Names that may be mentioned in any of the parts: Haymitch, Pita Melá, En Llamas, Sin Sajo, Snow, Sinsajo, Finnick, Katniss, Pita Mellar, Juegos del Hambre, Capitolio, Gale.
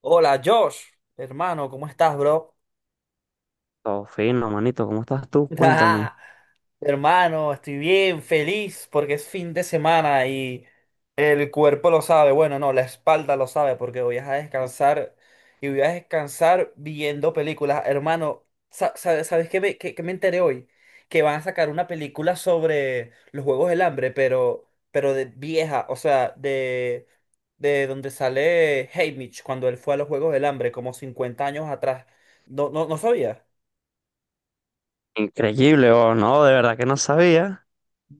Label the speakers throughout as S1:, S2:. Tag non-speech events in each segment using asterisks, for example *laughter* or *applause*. S1: Hola, Josh, hermano, ¿cómo estás, bro?
S2: Todo fino, manito. ¿Cómo estás tú?
S1: *laughs*
S2: Cuéntame.
S1: Ajá. Hermano, estoy bien, feliz porque es fin de semana y el cuerpo lo sabe, bueno, no, la espalda lo sabe porque voy a descansar y voy a descansar viendo películas. Hermano, ¿sabes qué me enteré hoy? Que van a sacar una película sobre los Juegos del Hambre, pero, de vieja, o sea, de donde sale Haymitch cuando él fue a los Juegos del Hambre, como 50 años atrás. No, no, no sabía.
S2: Increíble, oh, no, de verdad que no sabía.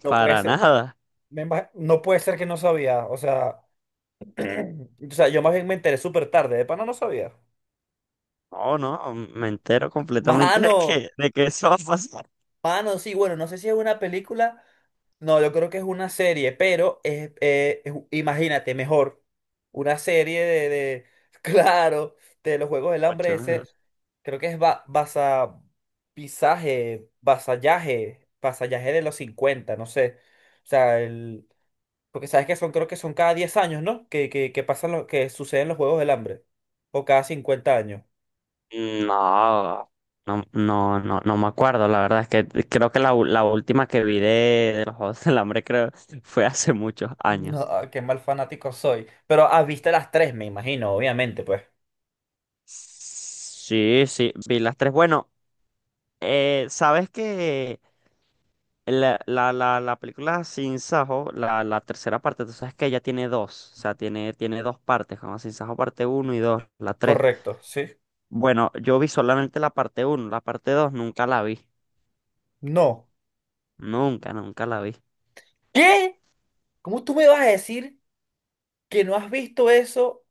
S1: No puede
S2: Para
S1: ser.
S2: nada.
S1: No puede ser que no sabía, o sea, *clears throat* o sea, yo más bien me enteré súper tarde, de pana no sabía.
S2: No, no, me entero completamente de
S1: Mano,
S2: que, de que eso va a pasar.
S1: mano, sí, bueno, no sé si es una película, no, yo creo que es una serie, pero es imagínate, mejor, una serie *laughs* claro, de los Juegos del Hambre,
S2: Mucho.
S1: ese, creo que es ba basa, pisaje, vasallaje de los 50 no sé, o sea, porque sabes que son, creo que son cada 10 años, ¿no? Que pasan que suceden los Juegos del Hambre. O cada cincuenta años.
S2: No, no, me acuerdo. La verdad es que creo que la última que vi de los Juegos del Hambre creo *laughs* fue hace muchos años.
S1: No, qué mal fanático soy. Pero ah, viste las tres, me imagino, obviamente, pues.
S2: Sí, sí, vi las tres. Bueno, ¿sabes que la película Sin Sajo, la tercera parte, tú sabes que ella tiene dos, o sea, tiene dos partes, como Sin Sajo parte uno y 2 la tres?
S1: Correcto, sí.
S2: Bueno, yo vi solamente la parte uno, la parte 2 nunca la vi,
S1: No.
S2: nunca la vi.
S1: ¿Qué? ¿Cómo tú me vas a decir que no has visto eso?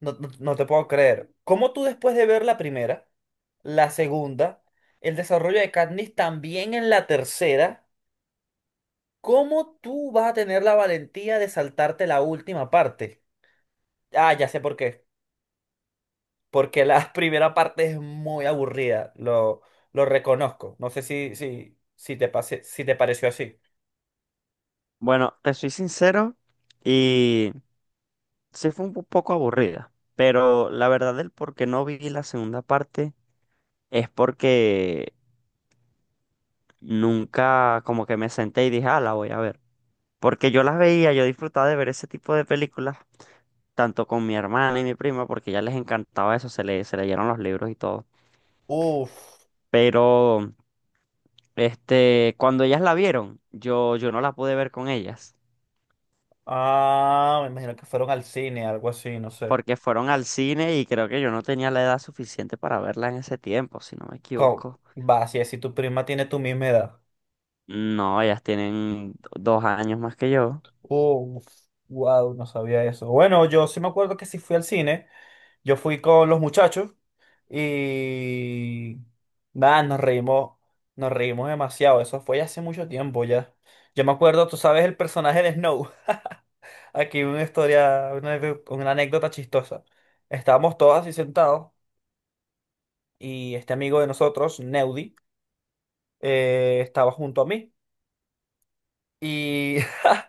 S1: No, no, no te puedo creer. ¿Cómo tú después de ver la primera, la segunda, el desarrollo de Katniss también en la tercera, cómo tú vas a tener la valentía de saltarte la última parte? Ah, ya sé por qué. Porque la *laughs* primera parte es muy aburrida, lo reconozco. No sé si te pase, si te pareció así.
S2: Bueno, te soy sincero y sí fue un poco aburrida, pero la verdad del por qué no vi la segunda parte es porque nunca como que me senté y dije, ah, la voy a ver. Porque yo las veía, yo disfrutaba de ver ese tipo de películas tanto con mi hermana y mi prima, porque ya les encantaba eso, se leyeron los libros y todo.
S1: Uf,
S2: Pero, cuando ellas la vieron, yo no la pude ver con ellas,
S1: ah, me imagino que fueron al cine, algo así, no sé.
S2: porque fueron al cine y creo que yo no tenía la edad suficiente para verla en ese tiempo, si no me
S1: ¿Cómo?
S2: equivoco.
S1: Va, si tu prima tiene tu misma edad.
S2: No, ellas tienen dos años más que yo.
S1: Uf, wow, no sabía eso. Bueno, yo sí me acuerdo que sí fui al cine. Yo fui con los muchachos y nada, nos reímos demasiado. Eso fue ya hace mucho tiempo ya. Yo me acuerdo, tú sabes, el personaje de Snow. *laughs* Aquí una historia, una anécdota chistosa. Estábamos todos así sentados y este amigo de nosotros, Neudi, estaba junto a mí. Y *laughs*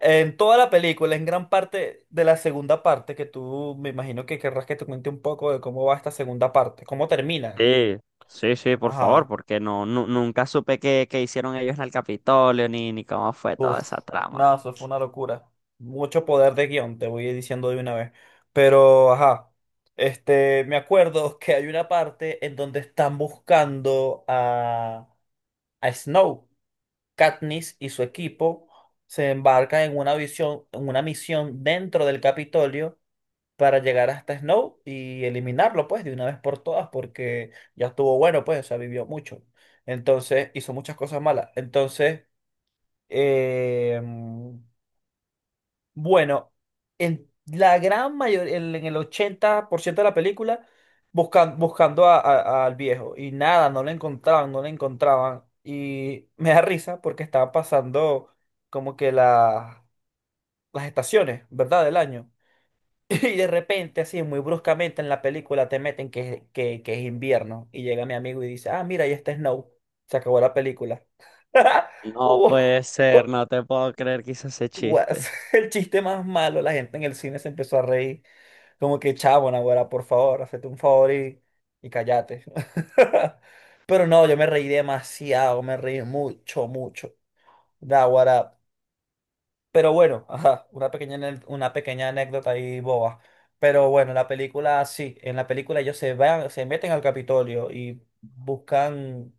S1: en toda la película, en gran parte de la segunda parte, que tú me imagino que querrás que te cuente un poco de cómo va esta segunda parte, cómo termina.
S2: Sí, sí, sí, por favor,
S1: Ajá.
S2: porque no, nunca supe qué, qué hicieron ellos en el Capitolio, ni cómo fue toda
S1: Uf.
S2: esa trama.
S1: Nada, eso fue una locura. Mucho poder de guión, te voy diciendo de una vez. Pero, ajá. Este, me acuerdo que hay una parte en donde están buscando a Snow. Katniss y su equipo se embarcan en una visión, en una misión dentro del Capitolio para llegar hasta Snow y eliminarlo, pues, de una vez por todas, porque ya estuvo bueno, pues, o sea, vivió mucho. Entonces, hizo muchas cosas malas. Entonces, Eh, bueno, en la gran mayoría, en el 80% de la película, buscando al viejo. Y nada, no lo encontraban. Y me da risa porque estaba pasando como que las estaciones, ¿verdad? Del año. *laughs* Y de repente, así, muy bruscamente en la película te meten que es invierno. Y llega mi amigo y dice, ah, mira, ahí está Snow. Se acabó la película. *laughs*
S2: No puede
S1: Wow.
S2: ser, no te puedo creer que hice ese
S1: Guas,
S2: chiste.
S1: *laughs* el chiste más malo, la gente en el cine se empezó a reír, como que chavo, Naguará, por favor, hazte un favor y cállate. *laughs* Pero no, yo me reí demasiado, me reí mucho, mucho, Naguará. Pero bueno, ajá, una pequeña anécdota ahí boba. Pero bueno, la película, sí, en la película ellos se van, se meten al Capitolio y buscan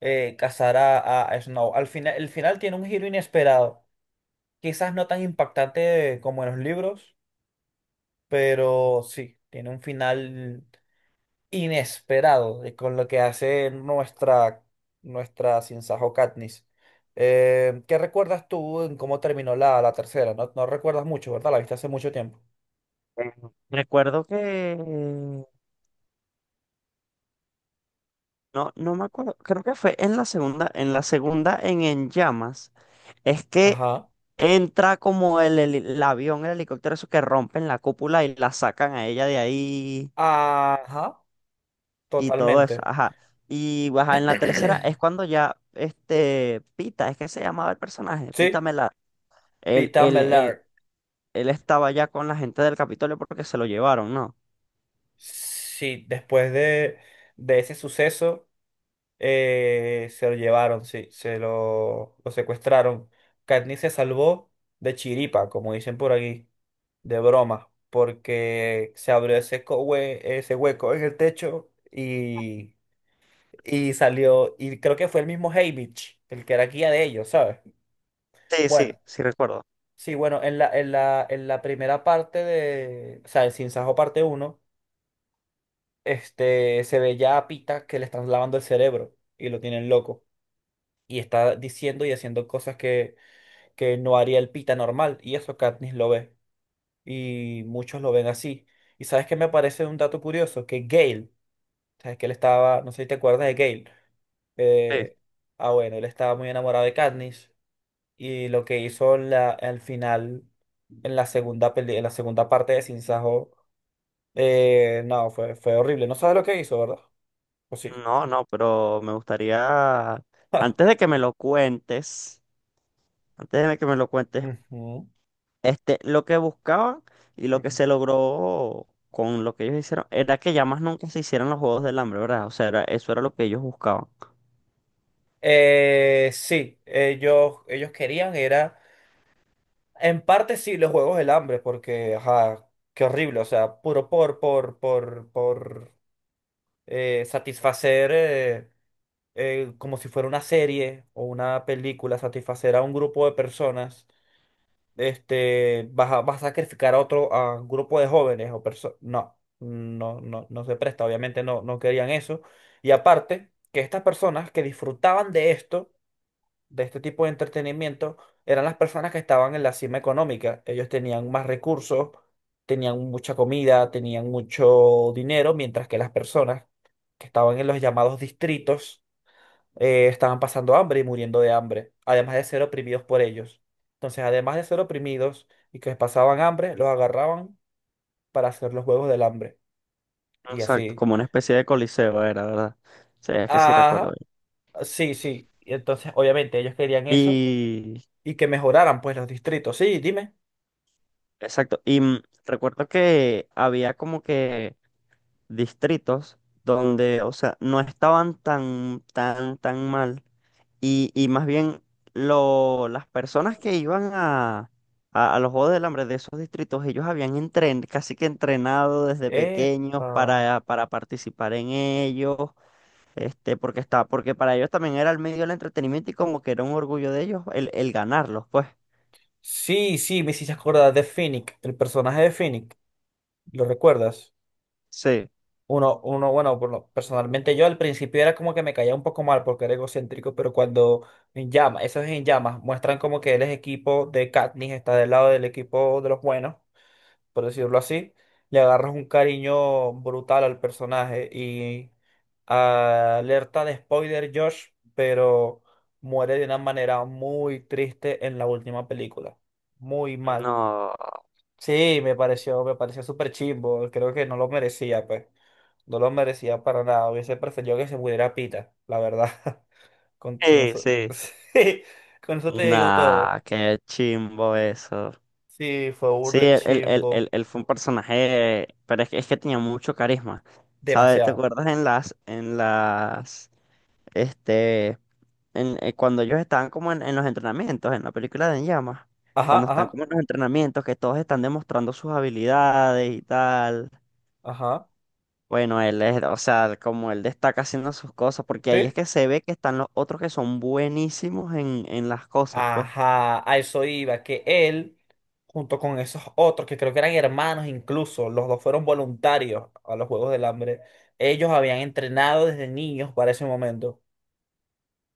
S1: cazar a Snow. Al final, el final tiene un giro inesperado. Quizás no tan impactante como en los libros, pero sí, tiene un final inesperado con lo que hace nuestra, nuestra Sinsajo Katniss. ¿Qué recuerdas tú en cómo terminó la tercera? No, no recuerdas mucho, ¿verdad? La viste hace mucho tiempo.
S2: Eh, Recuerdo que no, no me acuerdo, creo que fue en la segunda, en la segunda, en Llamas, es que
S1: Ajá.
S2: entra como el avión, el helicóptero, eso que rompen la cúpula y la sacan a ella de ahí
S1: Ajá,
S2: y todo eso,
S1: totalmente.
S2: ajá. Y pues, ajá, en
S1: *clears throat*
S2: la tercera es cuando ya este Pita, es que se llamaba el personaje, Pita
S1: Sí,
S2: Melá, él,
S1: Pita
S2: él, él,
S1: Mellar.
S2: él estaba ya con la gente del Capitolio porque se lo llevaron, ¿no?
S1: Sí, después de ese suceso, se lo llevaron, sí, lo secuestraron. Katniss se salvó de chiripa, como dicen por aquí, de broma, porque se abrió ese, ese hueco en el techo y salió, y creo que fue el mismo Haymitch, el que era guía de ellos, ¿sabes?
S2: Sí, sí,
S1: Bueno,
S2: sí recuerdo.
S1: sí, bueno, en la primera parte de, o sea, el Sinsajo parte uno, este, se ve ya a Pita que le están lavando el cerebro y lo tienen loco, y está diciendo y haciendo cosas que no haría el pita normal. Y eso Katniss lo ve. Y muchos lo ven así. Y sabes que me parece un dato curioso, que Gale, sabes que él estaba, no sé si te acuerdas de Gale. eh, ah, bueno, él estaba muy enamorado de Katniss. Y lo que hizo al final, en la segunda parte de Sin Sajo, no, fue horrible. No sabes lo que hizo, ¿verdad? Pues sí.
S2: No, no, pero me gustaría, antes
S1: *laughs*
S2: de que me lo cuentes, antes de que me lo cuentes,
S1: Ujú,
S2: este, lo que buscaban y lo que
S1: ujú.
S2: se logró con lo que ellos hicieron era que ya más nunca se hicieran los Juegos del Hambre, ¿verdad? O sea, era, eso era lo que ellos buscaban.
S1: Sí, ellos querían, era. En parte sí, los juegos del hambre, porque, ajá, qué horrible, o sea, puro por satisfacer, como si fuera una serie o una película, satisfacer a un grupo de personas, este, vas a sacrificar a otro, a un grupo de jóvenes o personas, no, no, no, no se presta, obviamente no, no querían eso. Y aparte, que estas personas que disfrutaban de esto, de este tipo de entretenimiento, eran las personas que estaban en la cima económica. Ellos tenían más recursos, tenían mucha comida, tenían mucho dinero, mientras que las personas que estaban en los llamados distritos estaban pasando hambre y muriendo de hambre, además de ser oprimidos por ellos. Entonces, además de ser oprimidos y que pasaban hambre, los agarraban para hacer los juegos del hambre. Y
S2: Exacto,
S1: así.
S2: como una especie de coliseo era, ¿verdad? Sí, es que sí recuerdo
S1: Ajá,
S2: bien.
S1: sí, sí. Y entonces, obviamente, ellos querían eso
S2: Y
S1: y que mejoraran pues los distritos. Sí, dime.
S2: exacto, y mm, recuerdo que había como que distritos donde, o sea, no estaban tan mal. Y más bien, lo, las personas que iban a, a los Juegos del Hambre de esos distritos, ellos habían entren, casi que entrenado desde pequeños
S1: Epa.
S2: para participar en ellos, este, porque está, porque para ellos también era el medio del entretenimiento y como que era un orgullo de ellos el ganarlos, pues.
S1: Sí, sí, me hiciste acordar de Finnick, el personaje de Finnick. ¿Lo recuerdas?
S2: Sí.
S1: Uno, uno, bueno, personalmente yo al principio era como que me caía un poco mal porque era egocéntrico, pero cuando en llamas, esos en llamas, muestran como que él es equipo de Katniss, está del lado del equipo de los buenos, por decirlo así, le agarras un cariño brutal al personaje y, alerta de spoiler Josh, pero muere de una manera muy triste en la última película. Muy mal.
S2: No.
S1: Sí, me pareció súper chimbo. Creo que no lo merecía, pues. No lo merecía para nada. Hubiese preferido que se muriera Pita, la verdad. *laughs* Con
S2: Sí,
S1: eso. *laughs*
S2: sí.
S1: Sí, con eso te digo
S2: Nah,
S1: todo.
S2: qué chimbo eso.
S1: Sí, fue
S2: Sí,
S1: burde chimbo.
S2: él fue un personaje, pero es que tenía mucho carisma, ¿sabes? ¿Te
S1: Demasiado.
S2: acuerdas en en las, este, en, cuando ellos estaban como en los entrenamientos, en la película de En Llamas,
S1: Ajá,
S2: cuando están
S1: ajá,
S2: como en los entrenamientos, que todos están demostrando sus habilidades y tal?
S1: ajá.
S2: Bueno, él es, o sea, como él destaca haciendo sus cosas, porque ahí es
S1: Sí.
S2: que se ve que están los otros que son buenísimos en las cosas, pues.
S1: Ajá, a eso iba, que él, junto con esos otros, que creo que eran hermanos incluso, los dos fueron voluntarios a los Juegos del Hambre, ellos habían entrenado desde niños para ese momento.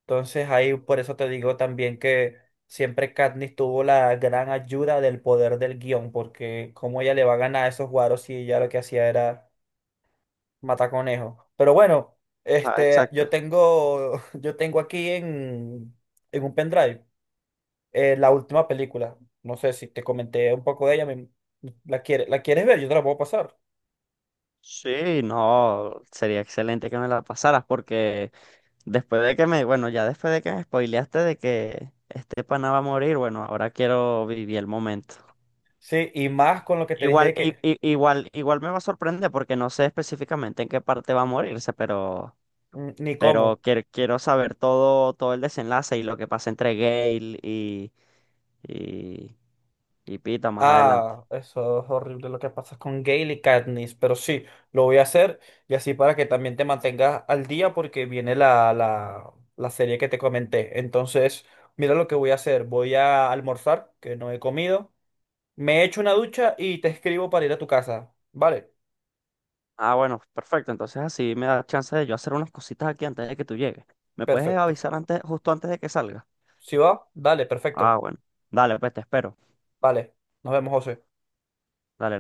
S1: Entonces ahí por eso te digo también que siempre Katniss tuvo la gran ayuda del poder del guión, porque cómo ella le va a ganar a esos guaros si ella lo que hacía era matar conejos. Pero bueno,
S2: Ah,
S1: este,
S2: exacto.
S1: *laughs* yo tengo aquí en un pendrive, la última película. No sé si te comenté un poco de ella. ¿La quieres ver? Yo te la puedo pasar.
S2: Sí, no, sería excelente que me la pasaras porque después de que me, bueno, ya después de que me spoileaste de que este pana va a morir, bueno, ahora quiero vivir el momento.
S1: Sí, y más con lo que te dije de
S2: Igual,
S1: que
S2: igual, igual me va a sorprender porque no sé específicamente en qué parte va a morirse,
S1: mm, ni
S2: pero
S1: cómo.
S2: quiero, quiero saber todo, todo el desenlace y lo que pasa entre Gale y, y Pita más adelante.
S1: Ah, eso es horrible lo que pasa con Gale y Katniss, pero sí, lo voy a hacer y así para que también te mantengas al día porque viene la serie que te comenté. Entonces, mira lo que voy a hacer. Voy a almorzar, que no he comido. Me echo una ducha y te escribo para ir a tu casa. Vale,
S2: Ah, bueno, perfecto. Entonces así me da chance de yo hacer unas cositas aquí antes de que tú llegues. ¿Me puedes
S1: perfecto.
S2: avisar antes, justo antes de que salga?
S1: ¿Sí va? Dale,
S2: Ah,
S1: perfecto.
S2: bueno. Dale, pues te espero.
S1: Vale, nos vemos, José.
S2: Dale.